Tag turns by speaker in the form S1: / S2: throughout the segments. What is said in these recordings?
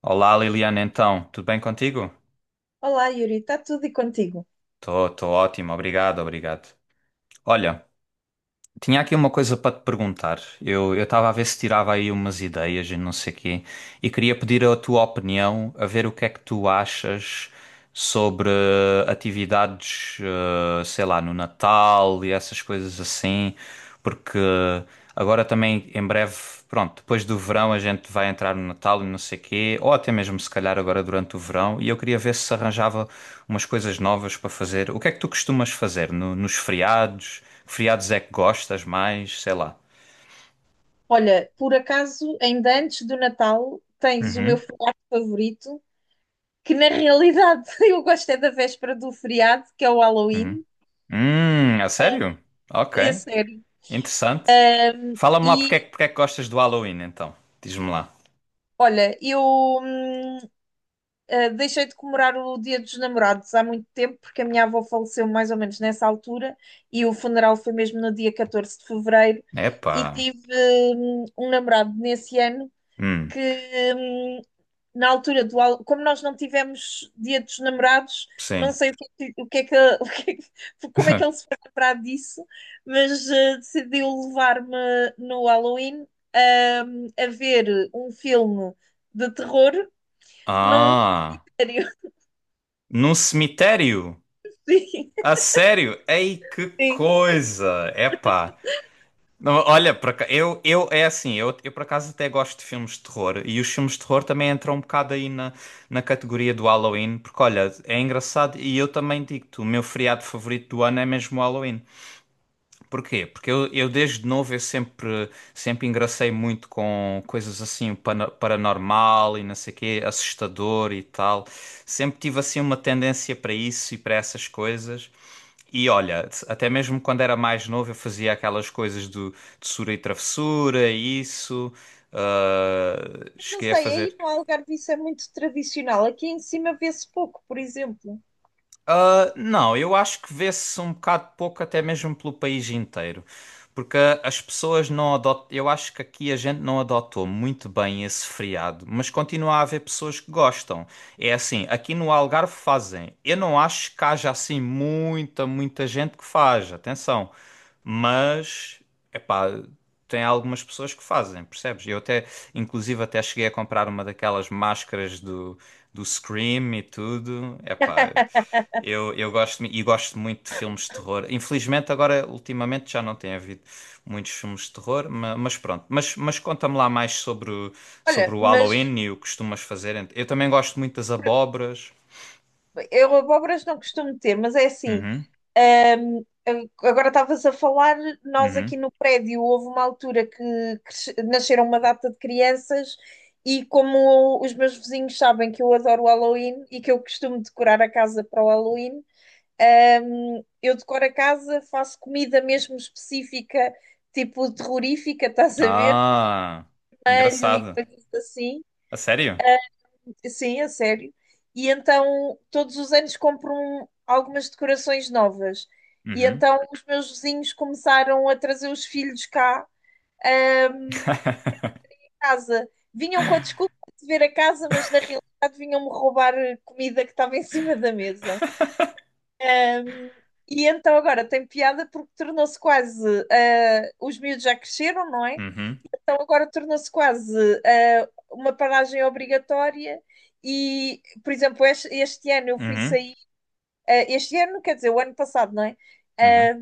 S1: Olá Liliana, então, tudo bem contigo?
S2: Olá, Yuri, está tudo e contigo?
S1: Tô ótimo, obrigado. Olha, tinha aqui uma coisa para te perguntar. Eu estava a ver se tirava aí umas ideias e não sei quê, e queria pedir a tua opinião, a ver o que é que tu achas sobre atividades, sei lá, no Natal e essas coisas assim. Porque agora também em breve, pronto, depois do verão a gente vai entrar no Natal e não sei quê, ou até mesmo se calhar agora durante o verão, e eu queria ver se arranjava umas coisas novas para fazer. O que é que tu costumas fazer nos feriados? Que feriados é que gostas mais? Sei lá.
S2: Olha, por acaso, ainda antes do Natal, tens o meu
S1: Uhum,
S2: feriado favorito, que na realidade eu gosto é da véspera do feriado, que é o
S1: uhum.
S2: Halloween,
S1: A sério? Ok,
S2: é sério.
S1: interessante. Fala-me lá
S2: E
S1: porque é que gostas do Halloween então. Diz-me lá.
S2: olha, eu deixei de comemorar o Dia dos Namorados há muito tempo, porque a minha avó faleceu mais ou menos nessa altura, e o funeral foi mesmo no dia 14 de fevereiro,
S1: Epá.
S2: e tive um namorado nesse ano.
S1: Hum,
S2: Que, hum, Na altura como nós não tivemos Dia dos Namorados, não
S1: sim.
S2: sei o que, é que- o que é que, o que é que- como é que ele se foi lembrar disso, mas decidiu levar-me no Halloween a ver um filme de terror num
S1: Ah,
S2: cenário.
S1: num cemitério?
S2: Sim,
S1: Ah, sério? Ei, que
S2: sim.
S1: coisa! Epá. Não, olha, eu é assim, eu por acaso até gosto de filmes de terror e os filmes de terror também entram um bocado aí na, na categoria do Halloween, porque olha, é engraçado e eu também digo-te, o meu feriado favorito do ano é mesmo o Halloween. Porquê? Porque eu desde novo eu sempre, sempre engracei muito com coisas assim paranormal e não sei quê, assustador e tal. Sempre tive assim uma tendência para isso e para essas coisas. E olha, até mesmo quando era mais novo eu fazia aquelas coisas de sura e travessura e isso. Ah,
S2: Não
S1: cheguei a
S2: sei,
S1: fazer.
S2: aí no Algarve isso é muito tradicional. Aqui em cima vê-se pouco, por exemplo.
S1: Ah, não, eu acho que vê-se um bocado pouco, até mesmo pelo país inteiro. Porque as pessoas não adotam. Eu acho que aqui a gente não adotou muito bem esse feriado, mas continua a haver pessoas que gostam. É assim, aqui no Algarve fazem. Eu não acho que haja assim muita gente que faz, atenção. Mas, epá, tem algumas pessoas que fazem, percebes? Eu até, inclusive, até cheguei a comprar uma daquelas do Scream e tudo. Epá. Eu gosto e gosto muito de filmes de terror. Infelizmente, agora, ultimamente, já não tem havido muitos filmes de terror, mas, pronto. Mas conta-me lá mais sobre
S2: Olha,
S1: o
S2: mas
S1: Halloween e o que costumas fazer. Eu também gosto muito das abóboras.
S2: eu abóboras não costumo ter, mas é assim.
S1: Uhum,
S2: hum, agora estavas a falar, nós
S1: uhum.
S2: aqui no prédio houve uma altura que nasceram uma data de crianças e como os meus vizinhos sabem que eu adoro o Halloween e que eu costumo decorar a casa para o Halloween, eu decoro a casa, faço comida mesmo específica, tipo terrorífica, estás a ver?
S1: Ah,
S2: Alho e
S1: engraçado.
S2: coisas assim.
S1: A sério?
S2: Sim, a sério. E então, todos os anos compro algumas decorações novas. E
S1: Uhum.
S2: então, os meus vizinhos começaram a trazer os filhos cá, ahm, à casa. Vinham com a desculpa de ver a casa, mas na realidade vinham-me roubar a comida que estava em cima da mesa. Hum, E então, agora tem piada porque os miúdos já cresceram, não é?
S1: Uhum,
S2: Então agora tornou-se quase uma paragem obrigatória e, por exemplo, este ano eu fui
S1: uhum,
S2: sair, ah, este ano, quer dizer, o ano passado, não é?
S1: uhum.
S2: Ah,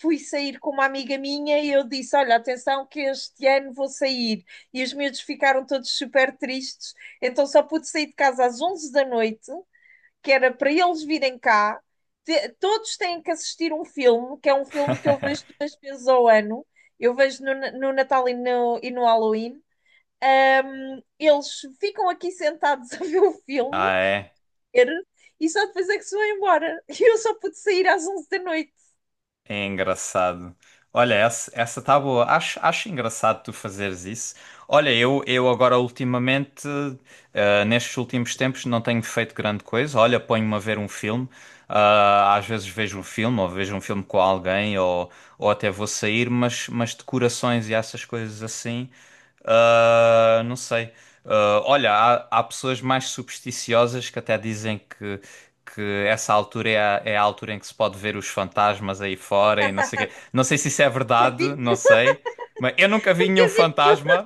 S2: Fui sair com uma amiga minha e eu disse, olha, atenção que este ano vou sair. E os miúdos ficaram todos super tristes, então só pude sair de casa às 23h da noite, que era para eles virem cá. Todos têm que assistir um filme, que é um filme que eu vejo duas vezes ao ano. Eu vejo no Natal e e no Halloween. Eles ficam aqui sentados a ver o filme
S1: Ah, é.
S2: e só depois é que se vão embora. E eu só pude sair às 23h da noite.
S1: É engraçado. Olha, essa tá boa. Acho engraçado tu fazeres isso. Olha, eu agora ultimamente, nestes últimos tempos, não tenho feito grande coisa. Olha, ponho-me a ver um filme. Ah, às vezes vejo um filme, ou vejo um filme com alguém, ou até vou sair, mas decorações e essas coisas assim. Ah, não sei. Ah, olha, há pessoas mais supersticiosas que até dizem que essa altura é a altura em que se pode ver os fantasmas aí fora e não sei o quê. Não sei se isso é
S2: Nunca
S1: verdade,
S2: vi
S1: não
S2: nenhum,
S1: sei. Mas eu nunca vi
S2: nunca
S1: nenhum
S2: vi nenhum.
S1: fantasma,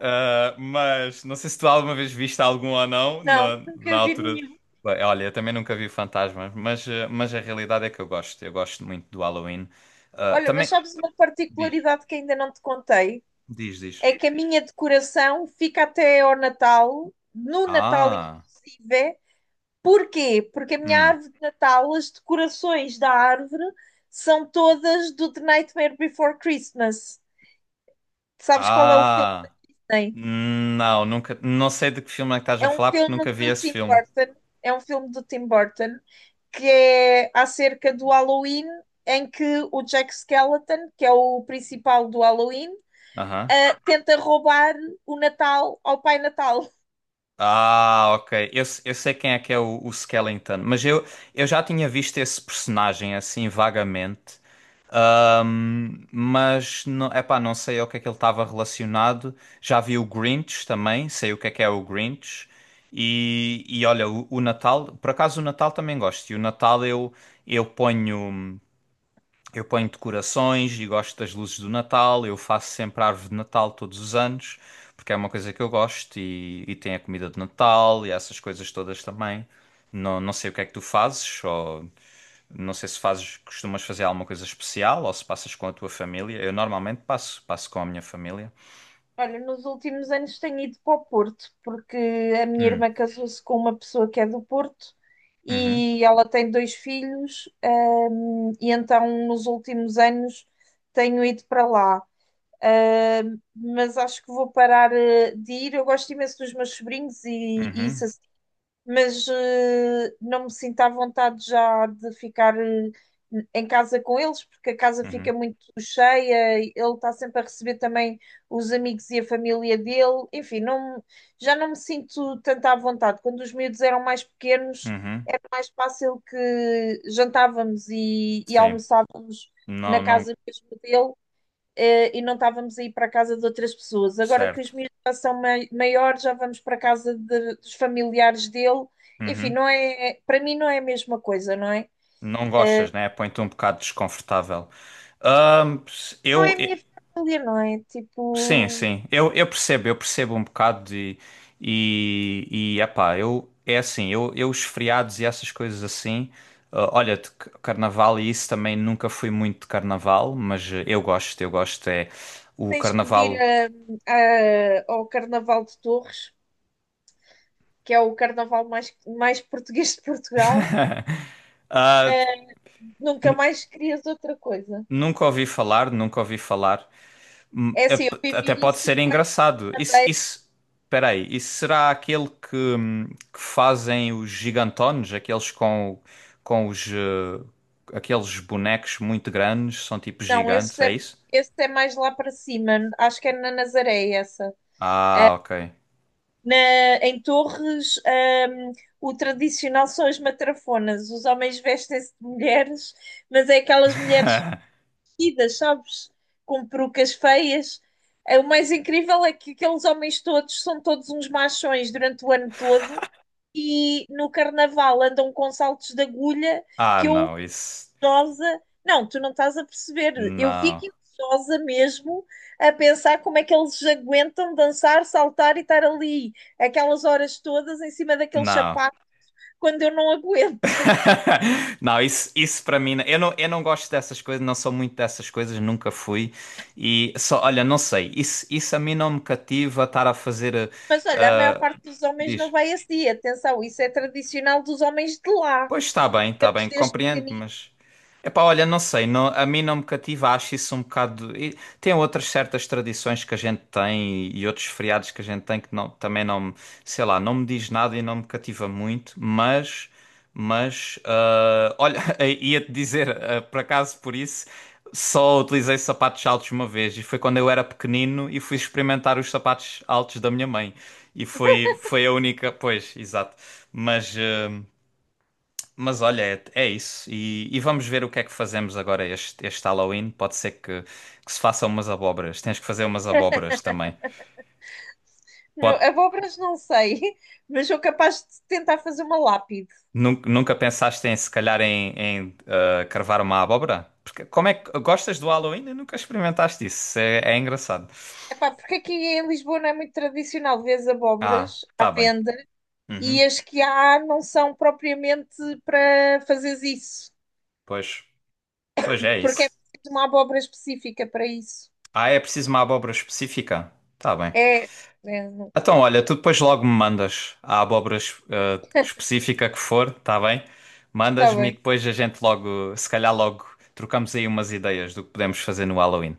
S1: ah, mas não sei se tu alguma vez viste algum ou não
S2: Não,
S1: na, na
S2: nunca vi
S1: altura.
S2: nenhum.
S1: Bem, olha, eu também nunca vi fantasmas, mas, ah, mas a realidade é que eu gosto. Eu gosto muito do Halloween. Ah,
S2: Olha, mas
S1: também.
S2: sabes uma
S1: Diz,
S2: particularidade que ainda não te contei?
S1: diz, diz.
S2: É que a minha decoração fica até ao Natal, no Natal
S1: Ah.
S2: inclusive. Porquê? Porque a minha
S1: Hum.
S2: árvore de Natal, as decorações da árvore são todas do The Nightmare Before Christmas. Sabes qual é o filme,
S1: Ah,
S2: não é?
S1: não, nunca, não sei de que filme é que estás a
S2: É um
S1: falar porque
S2: filme
S1: nunca vi
S2: do
S1: esse
S2: Tim
S1: filme.
S2: Burton, é um filme do Tim Burton que é acerca do Halloween, em que o Jack Skellington, que é o principal do Halloween,
S1: Aham.
S2: tenta roubar o Natal ao Pai Natal.
S1: Ah, ok. Eu, se- eu sei quem é que é o Skellington, mas eu já tinha visto esse personagem assim vagamente. Mas não, epá, não sei ao que é que ele estava relacionado. Já vi o Grinch também, sei o que é o Grinch. E olha, o Natal, por acaso o Natal também gosto. E o Natal eu ponho. Eu ponho decorações e gosto das luzes do Natal. Eu faço sempre a árvore de Natal todos os anos, porque é uma coisa que eu gosto e tem a comida de Natal e essas coisas todas também. Não, não sei o que é que tu fazes, ou não sei se fazes, costumas fazer alguma coisa especial ou se passas com a tua família. Eu normalmente passo, passo com a minha família.
S2: Olha, nos últimos anos tenho ido para o Porto, porque a minha
S1: Hum,
S2: irmã casou-se com uma pessoa que é do Porto
S1: uhum,
S2: e ela tem dois filhos, e então nos últimos anos tenho ido para lá. Mas acho que vou parar de ir. Eu gosto imenso dos meus sobrinhos e isso
S1: uhum,
S2: assim, mas não me sinto à vontade já de ficar em casa com eles, porque a casa
S1: uhum,
S2: fica muito cheia, e ele está sempre a receber também os amigos e a família dele. Enfim, não, já não me sinto tanto à vontade. Quando os miúdos eram mais pequenos,
S1: uhum,
S2: era mais fácil que jantávamos e
S1: sim.
S2: almoçávamos
S1: Não,
S2: na casa
S1: não,
S2: mesmo dele e não estávamos a ir para a casa de outras pessoas. Agora que os
S1: certo.
S2: miúdos já são maiores, já vamos para a casa dos familiares dele. Enfim,
S1: Uhum.
S2: não é, é, para mim não é a mesma coisa, não é?
S1: Não gostas, né? Põe-te um bocado desconfortável. Ahm,
S2: Não é
S1: eu,
S2: a minha família, não é?
S1: sim,
S2: Tipo,
S1: sim, eu percebo um bocado de, e epá, eu, é assim, eu os feriados e essas coisas assim, ah, olha, carnaval e isso também nunca fui muito de carnaval, mas eu gosto, é o
S2: tens que vir
S1: carnaval,
S2: ao Carnaval de Torres, que é o carnaval mais português de Portugal.
S1: ah,
S2: Nunca mais querias outra coisa.
S1: nunca ouvi falar, nunca ouvi falar, hum,
S2: É
S1: é
S2: assim, eu
S1: até
S2: vivi
S1: pode ser
S2: 5 anos
S1: engraçado.
S2: na
S1: Isso,
S2: Madeira.
S1: isso, peraí, isso será aquele que fazem os gigantones, aqueles com os, aqueles bonecos muito grandes, são tipo
S2: Não,
S1: gigantes,
S2: esse
S1: é
S2: é,
S1: isso?
S2: esse é mais lá para cima. Acho que é na Nazaré, essa.
S1: Ah, ok.
S2: Na- Em Torres, o tradicional são as matrafonas. Os homens vestem-se de mulheres, mas é aquelas mulheres vestidas, sabes? Com perucas feias. O mais incrível é que aqueles homens todos são todos uns machões durante o ano todo e no carnaval andam com saltos de agulha
S1: Ah,
S2: que eu
S1: não, isso,
S2: invejosa. Não, tu não estás a perceber. Eu
S1: não,
S2: fico invejosa mesmo a pensar como é que eles aguentam dançar, saltar e estar ali aquelas horas todas em cima daquele
S1: não.
S2: sapato quando eu não aguento.
S1: Não, isso para mim, eu não gosto dessas coisas, não sou muito dessas coisas, nunca fui. E só, olha, não sei, isso a mim não me cativa estar a fazer.
S2: Mas olha, a maior parte dos homens não
S1: Diz,
S2: vai esse dia. Atenção, isso é tradicional dos homens de lá.
S1: pois está
S2: Eles
S1: bem,
S2: desde
S1: compreendo,
S2: pequenino.
S1: mas. Epá, olha, não sei, a mim não me cativa, acho isso um bocado. E tem outras certas tradições que a gente tem e outros feriados que a gente tem que não, também não, sei lá, não me diz nada e não me cativa muito, mas. Mas, ah, olha, ia-te dizer, ah, por acaso por isso, só utilizei sapatos altos uma vez e foi quando eu era pequenino e fui experimentar os sapatos altos da minha mãe. E foi, foi a única, pois, exato. Mas, ah, mas olha, é, é isso. E vamos ver o que é que fazemos agora este, este Halloween. Pode ser que se façam umas abóboras. Tens que fazer umas abóboras também. Pode,
S2: Abóboras não sei, mas sou capaz de tentar fazer uma lápide.
S1: nunca, nunca pensaste em, se calhar, em, em carvar uma abóbora? Porque como é que gostas do Halloween e nunca experimentaste isso? É, é engraçado.
S2: Epá, porque aqui em Lisboa não é muito tradicional, vês
S1: Ah,
S2: abóboras à
S1: tá bem.
S2: venda. E
S1: Uhum.
S2: as que há não são propriamente para fazeres isso,
S1: Pois, pois é
S2: porque é
S1: isso.
S2: preciso uma abóbora específica para isso.
S1: Ah, é preciso uma abóbora específica? Tá bem.
S2: É, é, não-
S1: Então, olha, tu depois logo me mandas a abóbora específica que for, está bem?
S2: Está
S1: Mandas-me e
S2: bem,
S1: depois a gente logo, se calhar logo, trocamos aí umas ideias do que podemos fazer no Halloween.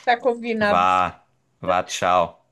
S2: está combinado.
S1: Vá, vá, tchau.